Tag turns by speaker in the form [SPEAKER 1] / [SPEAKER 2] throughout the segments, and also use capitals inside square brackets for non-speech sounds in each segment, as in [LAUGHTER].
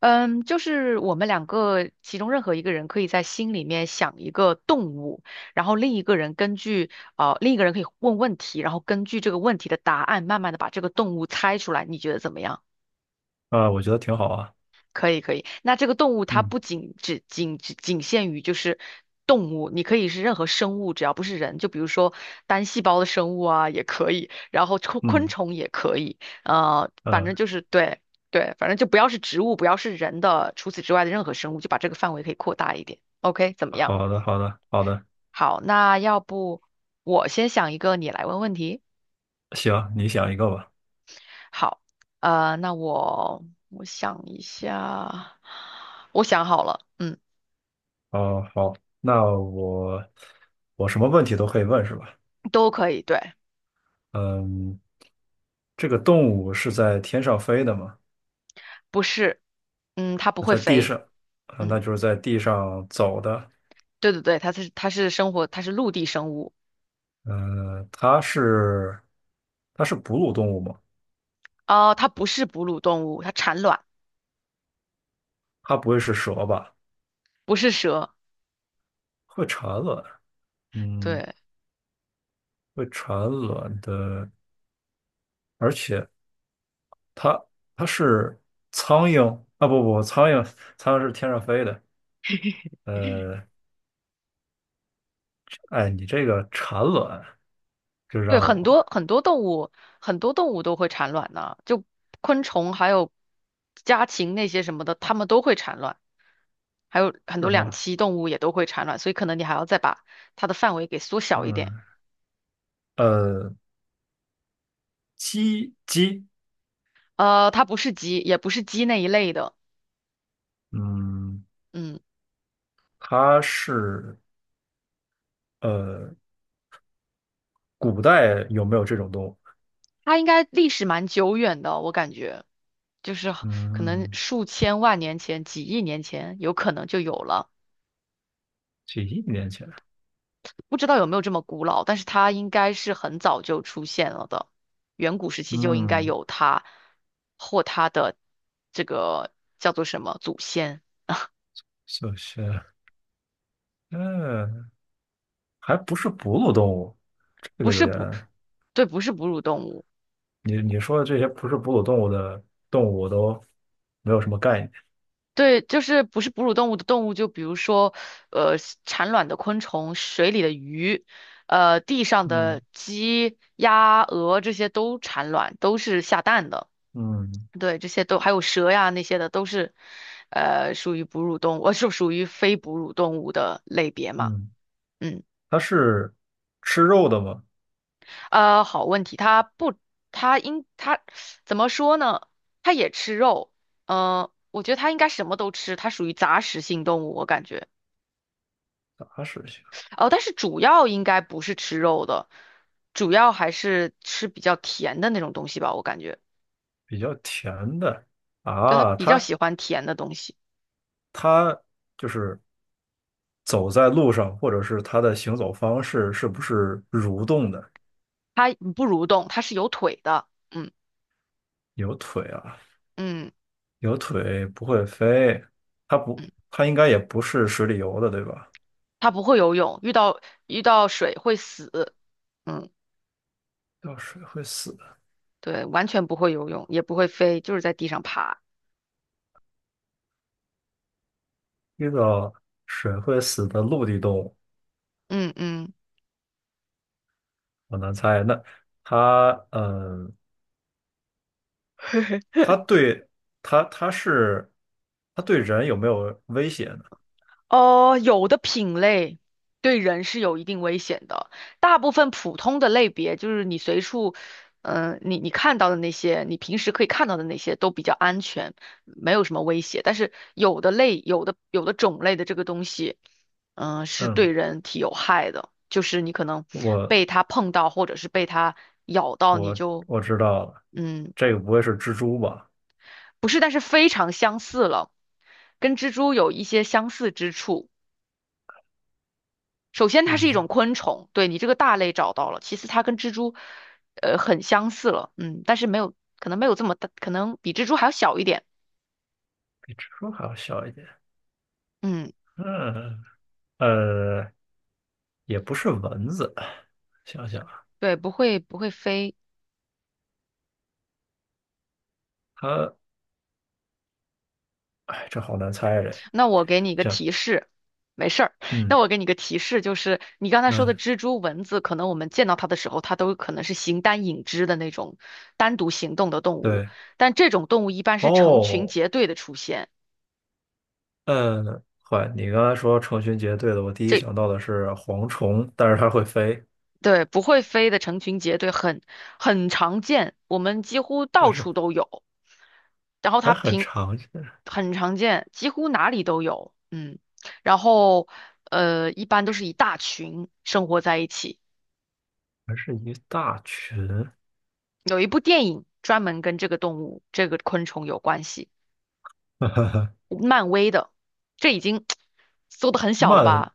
[SPEAKER 1] 嗯，就是我们两个其中任何一个人可以在心里面想一个动物，然后另一个人可以问问题，然后根据这个问题的答案，慢慢的把这个动物猜出来。你觉得怎么样？
[SPEAKER 2] 啊，我觉得挺好啊。
[SPEAKER 1] 可以可以，那这个动物它
[SPEAKER 2] 嗯
[SPEAKER 1] 不仅限于就是动物，你可以是任何生物，只要不是人，就比如说单细胞的生物啊也可以，然后昆昆
[SPEAKER 2] 嗯
[SPEAKER 1] 虫也可以，反
[SPEAKER 2] 嗯，
[SPEAKER 1] 正就是对。对，反正就不要是植物，不要是人的，除此之外的任何生物，就把这个范围可以扩大一点。OK，怎么样？
[SPEAKER 2] 好的好的好的，
[SPEAKER 1] 好，那要不我先想一个，你来问问题。
[SPEAKER 2] 行，你想一个吧。
[SPEAKER 1] 好，那我想一下，我想好了。嗯，
[SPEAKER 2] 哦，好，那我什么问题都可以问是吧？
[SPEAKER 1] 都可以，对。
[SPEAKER 2] 嗯，这个动物是在天上飞的吗？
[SPEAKER 1] 不是，嗯，它不
[SPEAKER 2] 那
[SPEAKER 1] 会
[SPEAKER 2] 在地
[SPEAKER 1] 飞。
[SPEAKER 2] 上，啊，
[SPEAKER 1] 嗯，
[SPEAKER 2] 那就是在地上走的。
[SPEAKER 1] 对对对，它是陆地生物。
[SPEAKER 2] 嗯，它是哺乳动物吗？
[SPEAKER 1] 哦，它不是哺乳动物，它产卵。
[SPEAKER 2] 它不会是蛇吧？
[SPEAKER 1] 不是蛇。
[SPEAKER 2] 会产卵，嗯，
[SPEAKER 1] 对。
[SPEAKER 2] 会产卵的，而且。它它是苍蝇啊，不不，苍蝇是天上飞的。呃，哎，你这个产卵就
[SPEAKER 1] 对，
[SPEAKER 2] 让
[SPEAKER 1] 很
[SPEAKER 2] 我
[SPEAKER 1] 多很多动物，很多动物都会产卵呢，就昆虫还有家禽那些什么的，它们都会产卵，还有很
[SPEAKER 2] 是
[SPEAKER 1] 多
[SPEAKER 2] 什
[SPEAKER 1] 两
[SPEAKER 2] 么
[SPEAKER 1] 栖动物也都会产卵，所以可能你还要再把它的范围给缩小一点。
[SPEAKER 2] 嗯，呃，鸡，
[SPEAKER 1] 它不是鸡，也不是鸡那一类的。
[SPEAKER 2] 嗯，
[SPEAKER 1] 嗯。
[SPEAKER 2] 它是呃，古代有没有这种动物？
[SPEAKER 1] 它应该历史蛮久远的，我感觉就是可能
[SPEAKER 2] 嗯，
[SPEAKER 1] 数千万年前、几亿年前有可能就有了。
[SPEAKER 2] 几亿年前，
[SPEAKER 1] 不知道有没有这么古老，但是它应该是很早就出现了的，远古时期就应该
[SPEAKER 2] 嗯，
[SPEAKER 1] 有它或它的这个叫做什么祖先。
[SPEAKER 2] 小学，嗯，还不是哺乳动物，这
[SPEAKER 1] 不
[SPEAKER 2] 个有
[SPEAKER 1] 是
[SPEAKER 2] 点，
[SPEAKER 1] 哺，对，不是哺乳动物。
[SPEAKER 2] 你说的这些不是哺乳动物的动物，我都没有什么概念。
[SPEAKER 1] 对，就是不是哺乳动物的动物，就比如说，呃，产卵的昆虫、水里的鱼，地上
[SPEAKER 2] 嗯
[SPEAKER 1] 的鸡、鸭、鹅这些都产卵，都是下蛋的。
[SPEAKER 2] 嗯
[SPEAKER 1] 对，这些都还有蛇呀那些的，都是，属于哺乳动物，[LAUGHS] 是属于非哺乳动物的类别嘛？
[SPEAKER 2] 嗯，
[SPEAKER 1] 嗯。
[SPEAKER 2] 它是吃肉的吗？
[SPEAKER 1] 好问题，它不，它应它怎么说呢？它也吃肉。我觉得它应该什么都吃，它属于杂食性动物，我感觉。
[SPEAKER 2] 杂食性，
[SPEAKER 1] 哦，但是主要应该不是吃肉的，主要还是吃比较甜的那种东西吧，我感觉。
[SPEAKER 2] 比较甜的
[SPEAKER 1] 对，它
[SPEAKER 2] 啊。
[SPEAKER 1] 比较
[SPEAKER 2] 它
[SPEAKER 1] 喜欢甜的东西。
[SPEAKER 2] 它就是走在路上，或者是它的行走方式是不是蠕动的？
[SPEAKER 1] 它不蠕动，它是有腿的。嗯
[SPEAKER 2] 有腿啊，
[SPEAKER 1] 嗯。
[SPEAKER 2] 有腿不会飞。它不，
[SPEAKER 1] 嗯，
[SPEAKER 2] 它应该也不是水里游的，对吧？
[SPEAKER 1] 它不会游泳，遇到水会死。嗯，
[SPEAKER 2] 掉水会死的，
[SPEAKER 1] 对，完全不会游泳，也不会飞，就是在地上爬。
[SPEAKER 2] 遇到水会死的陆地动物，
[SPEAKER 1] 嗯嗯。
[SPEAKER 2] 我难猜。那它，嗯。它对它它是它对人有没有威胁呢？
[SPEAKER 1] 哦，有的品类对人是有一定危险的，大部分普通的类别，就是你随处，你看到的那些，你平时可以看到的那些都比较安全，没有什么威胁。但是有的类，有的种类的这个东西，是对
[SPEAKER 2] 嗯，
[SPEAKER 1] 人体有害的，就是你可能
[SPEAKER 2] 我
[SPEAKER 1] 被它碰到，或者是被它咬到，
[SPEAKER 2] 我我知道了，
[SPEAKER 1] 嗯，
[SPEAKER 2] 这个不会是蜘蛛吧？
[SPEAKER 1] 不是，但是非常相似了，跟蜘蛛有一些相似之处。首先
[SPEAKER 2] 哎
[SPEAKER 1] 它是一
[SPEAKER 2] 呦，
[SPEAKER 1] 种昆虫，对你这个大类找到了。其次它跟蜘蛛，很相似了。嗯，但是没有，可能没有这么大，可能比蜘蛛还要小一点。
[SPEAKER 2] 比蜘蛛还要小一点。
[SPEAKER 1] 嗯，
[SPEAKER 2] 嗯，呃，也不是蚊子。想想啊
[SPEAKER 1] 对，不会飞。
[SPEAKER 2] 它，哎，这好难猜啊这。
[SPEAKER 1] 那我给你一个
[SPEAKER 2] 想，
[SPEAKER 1] 提示。没事儿。那
[SPEAKER 2] 嗯
[SPEAKER 1] 我给你个提示，就是你刚才说的
[SPEAKER 2] 嗯，
[SPEAKER 1] 蜘蛛、蚊子，可能我们见到它的时候，它都可能是形单影只的那种单独行动的动物，
[SPEAKER 2] 对，
[SPEAKER 1] 但这种动物一般是成群
[SPEAKER 2] 哦，
[SPEAKER 1] 结队的出现。
[SPEAKER 2] 嗯，坏，你刚才说成群结队的，我第一
[SPEAKER 1] 这
[SPEAKER 2] 想到的是蝗虫，但是它会飞，
[SPEAKER 1] 对，不会飞的成群结队很常见，我们几乎
[SPEAKER 2] 但
[SPEAKER 1] 到
[SPEAKER 2] 是
[SPEAKER 1] 处都有。然后
[SPEAKER 2] 还
[SPEAKER 1] 它
[SPEAKER 2] 很
[SPEAKER 1] 平
[SPEAKER 2] 常见。
[SPEAKER 1] 很常见，几乎哪里都有。嗯。然后一般都是一大群生活在一起。
[SPEAKER 2] 还是一大群。
[SPEAKER 1] 有一部电影专门跟这个动物、这个昆虫有关系，
[SPEAKER 2] [LAUGHS]
[SPEAKER 1] 漫威的。这已经缩的很小了
[SPEAKER 2] 漫
[SPEAKER 1] 吧？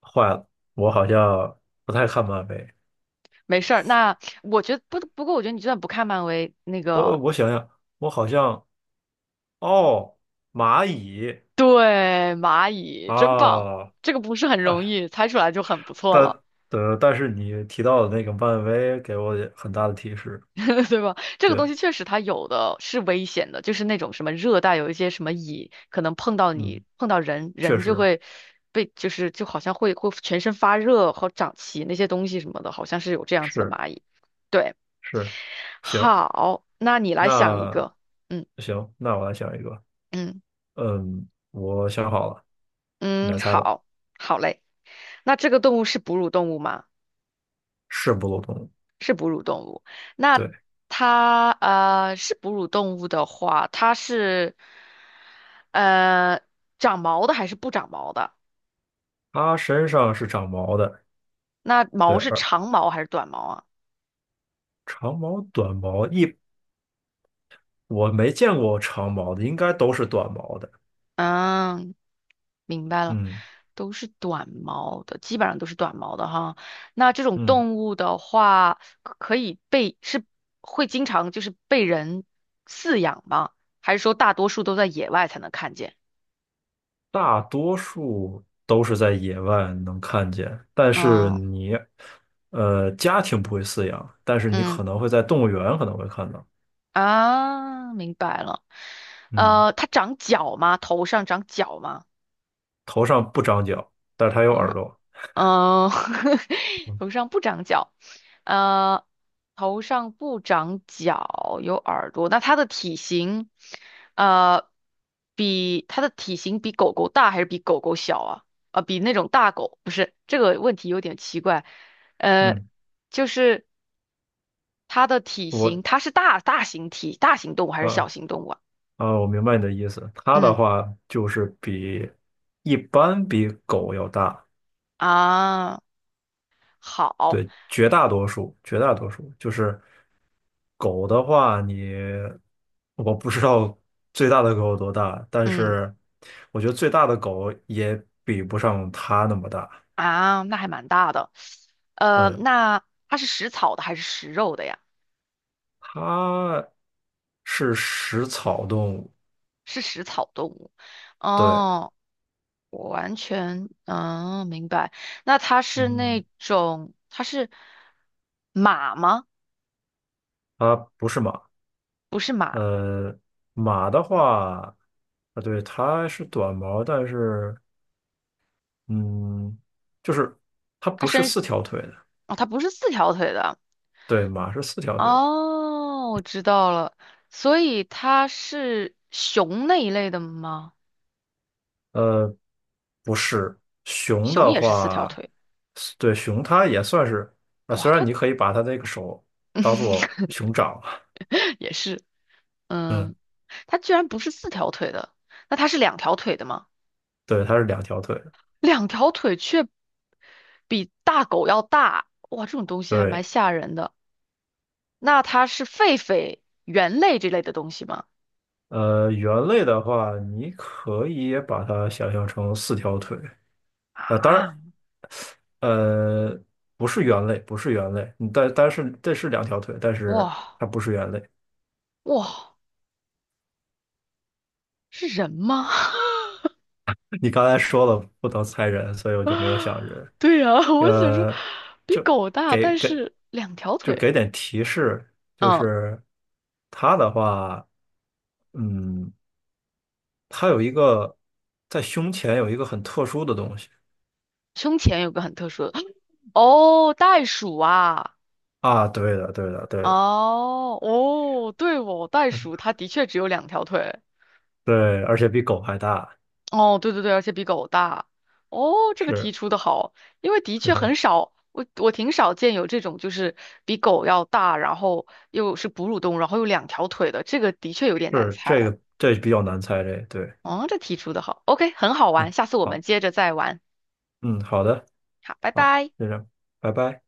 [SPEAKER 2] 画我好像不太看漫威，
[SPEAKER 1] 没事儿，那我觉得不过，我觉得你就算不看漫威，那
[SPEAKER 2] 我
[SPEAKER 1] 个
[SPEAKER 2] 我想想，我好像哦，蚂蚁
[SPEAKER 1] 对，蚂蚁真棒。
[SPEAKER 2] 啊
[SPEAKER 1] 这个不是很容
[SPEAKER 2] 啊，
[SPEAKER 1] 易猜出来就很不错
[SPEAKER 2] 但
[SPEAKER 1] 了。
[SPEAKER 2] 但是你提到的那个漫威给我也很大的提示，
[SPEAKER 1] [LAUGHS] 对吧？这个东
[SPEAKER 2] 对，
[SPEAKER 1] 西确实它有的是危险的，就是那种什么热带有一些什么蚁，可能碰到你
[SPEAKER 2] 嗯，
[SPEAKER 1] 碰到人，
[SPEAKER 2] 确
[SPEAKER 1] 人就
[SPEAKER 2] 实
[SPEAKER 1] 会就是就好像会全身发热和长鳍那些东西什么的，好像是有这样子的
[SPEAKER 2] 是
[SPEAKER 1] 蚂蚁。对。
[SPEAKER 2] 是，行，
[SPEAKER 1] 好，那你来想一
[SPEAKER 2] 那
[SPEAKER 1] 个。嗯
[SPEAKER 2] 行，那我来想一个，
[SPEAKER 1] 嗯。
[SPEAKER 2] 嗯，我想好了，你来
[SPEAKER 1] 嗯，
[SPEAKER 2] 猜吧，
[SPEAKER 1] 好，好嘞。那这个动物是哺乳动物吗？
[SPEAKER 2] 是哺乳动物
[SPEAKER 1] 是哺乳动物。那
[SPEAKER 2] 对，
[SPEAKER 1] 它是哺乳动物的话，它是呃长毛的还是不长毛的？
[SPEAKER 2] 他身上是长毛的。
[SPEAKER 1] 那
[SPEAKER 2] 对，
[SPEAKER 1] 毛是
[SPEAKER 2] 而
[SPEAKER 1] 长毛还是短毛啊？
[SPEAKER 2] 长毛、短毛一我没见过长毛的，应该都是短毛的。
[SPEAKER 1] 嗯，明白了，
[SPEAKER 2] 嗯
[SPEAKER 1] 都是短毛的，基本上都是短毛的哈。那这种
[SPEAKER 2] 嗯，
[SPEAKER 1] 动物的话，可以是会经常就是被人饲养吗？还是说大多数都在野外才能看见？
[SPEAKER 2] 大多数都是在野外能看见，但是
[SPEAKER 1] 哦。
[SPEAKER 2] 你家庭不会饲养，但是你
[SPEAKER 1] 嗯。
[SPEAKER 2] 可能会在动物园可能会看到。
[SPEAKER 1] 啊，明白了。
[SPEAKER 2] 嗯，
[SPEAKER 1] 它长角吗？头上长角吗？
[SPEAKER 2] 头上不长角，但是它有
[SPEAKER 1] 头
[SPEAKER 2] 耳
[SPEAKER 1] 上，
[SPEAKER 2] 朵。
[SPEAKER 1] 嗯、[LAUGHS] 头上不长角。呃，头上不长角，有耳朵。那它的体型，呃，比它的体型比狗狗大还是比狗狗小啊？比那种大狗，不是，这个问题有点奇怪。呃，
[SPEAKER 2] 嗯，
[SPEAKER 1] 就是它的体型，
[SPEAKER 2] 我
[SPEAKER 1] 它是大型动物还是小
[SPEAKER 2] 啊
[SPEAKER 1] 型动物啊？
[SPEAKER 2] 啊，我明白你的意思。它的
[SPEAKER 1] 嗯。
[SPEAKER 2] 话就是比一般比狗要大。
[SPEAKER 1] 啊，好。
[SPEAKER 2] 对，绝大多数就是狗的话你，我不知道最大的狗有多大，但
[SPEAKER 1] 嗯
[SPEAKER 2] 是我觉得最大的狗也比不上它那么大。
[SPEAKER 1] 啊，那还蛮大的。
[SPEAKER 2] 嗯，
[SPEAKER 1] 那它是食草的还是食肉的呀？
[SPEAKER 2] 它是食草动物，
[SPEAKER 1] 是食草动物。
[SPEAKER 2] 对，
[SPEAKER 1] 哦，我完全明白。那它是
[SPEAKER 2] 嗯，
[SPEAKER 1] 它是马吗？
[SPEAKER 2] 它不是马。
[SPEAKER 1] 不是马。
[SPEAKER 2] 呃，马的话，啊，对，它是短毛，但是嗯，就是它
[SPEAKER 1] 它
[SPEAKER 2] 不是
[SPEAKER 1] 身
[SPEAKER 2] 四条腿的，
[SPEAKER 1] 哦，它不是四条腿的。
[SPEAKER 2] 对，马是四条腿的。
[SPEAKER 1] 哦，我知道了。所以它是熊那一类的吗？
[SPEAKER 2] 呃，不是，熊
[SPEAKER 1] 熊
[SPEAKER 2] 的
[SPEAKER 1] 也是四条
[SPEAKER 2] 话，
[SPEAKER 1] 腿。
[SPEAKER 2] 对，熊它也算是，啊，
[SPEAKER 1] 哇，
[SPEAKER 2] 虽然
[SPEAKER 1] 它
[SPEAKER 2] 你可以把它那个手当做
[SPEAKER 1] [LAUGHS]
[SPEAKER 2] 熊掌，[LAUGHS]
[SPEAKER 1] 也是。
[SPEAKER 2] 嗯，
[SPEAKER 1] 嗯，它居然不是四条腿的，那它是两条腿的吗？
[SPEAKER 2] 对，它是两条腿，
[SPEAKER 1] 两条腿却比大狗要大，哇，这种东西还蛮
[SPEAKER 2] 对，
[SPEAKER 1] 吓人的。那它是狒狒、猿类这类的东西吗？
[SPEAKER 2] 猿类的话，你可以也把它想象成四条腿，啊，当然，
[SPEAKER 1] 啊。
[SPEAKER 2] 呃，不是猿类，不是猿类，嗯但是这是两条腿，但是
[SPEAKER 1] 哇。
[SPEAKER 2] 它不是猿类，
[SPEAKER 1] 哇，是人吗？[LAUGHS]
[SPEAKER 2] 你刚才说了不能猜人，所以我就没有
[SPEAKER 1] 啊。
[SPEAKER 2] 想人。
[SPEAKER 1] 对呀，[LAUGHS] 我想说，
[SPEAKER 2] 呃，
[SPEAKER 1] 比
[SPEAKER 2] 就
[SPEAKER 1] 狗大，
[SPEAKER 2] 给
[SPEAKER 1] 但
[SPEAKER 2] 给
[SPEAKER 1] 是两条
[SPEAKER 2] 就
[SPEAKER 1] 腿。
[SPEAKER 2] 给点提示，就
[SPEAKER 1] 嗯，
[SPEAKER 2] 是他的话，嗯，他有一个在胸前有一个很特殊的东西
[SPEAKER 1] 胸前有个很特殊的，[SUCKS TEETH] 哦，袋鼠啊。
[SPEAKER 2] 啊，对的，对的，对的，
[SPEAKER 1] 哦哦，对哦，袋
[SPEAKER 2] 嗯
[SPEAKER 1] 鼠它的确只有两条腿。
[SPEAKER 2] 对，而且比狗还大，
[SPEAKER 1] 哦，对对对，而且比狗大。哦，这个题
[SPEAKER 2] 是
[SPEAKER 1] 出的好，因为的确很
[SPEAKER 2] 是
[SPEAKER 1] 少，我挺少见有这种就是比狗要大，然后又是哺乳动物，然后又两条腿的，这个的确有点难
[SPEAKER 2] 是这
[SPEAKER 1] 猜。
[SPEAKER 2] 个这比较难猜这个，对，
[SPEAKER 1] 哦，这题出的好。OK，很好玩，下次我们
[SPEAKER 2] 好，
[SPEAKER 1] 接着再玩。
[SPEAKER 2] 嗯，好的，
[SPEAKER 1] 好，拜
[SPEAKER 2] 好，
[SPEAKER 1] 拜。
[SPEAKER 2] 就这样，拜拜。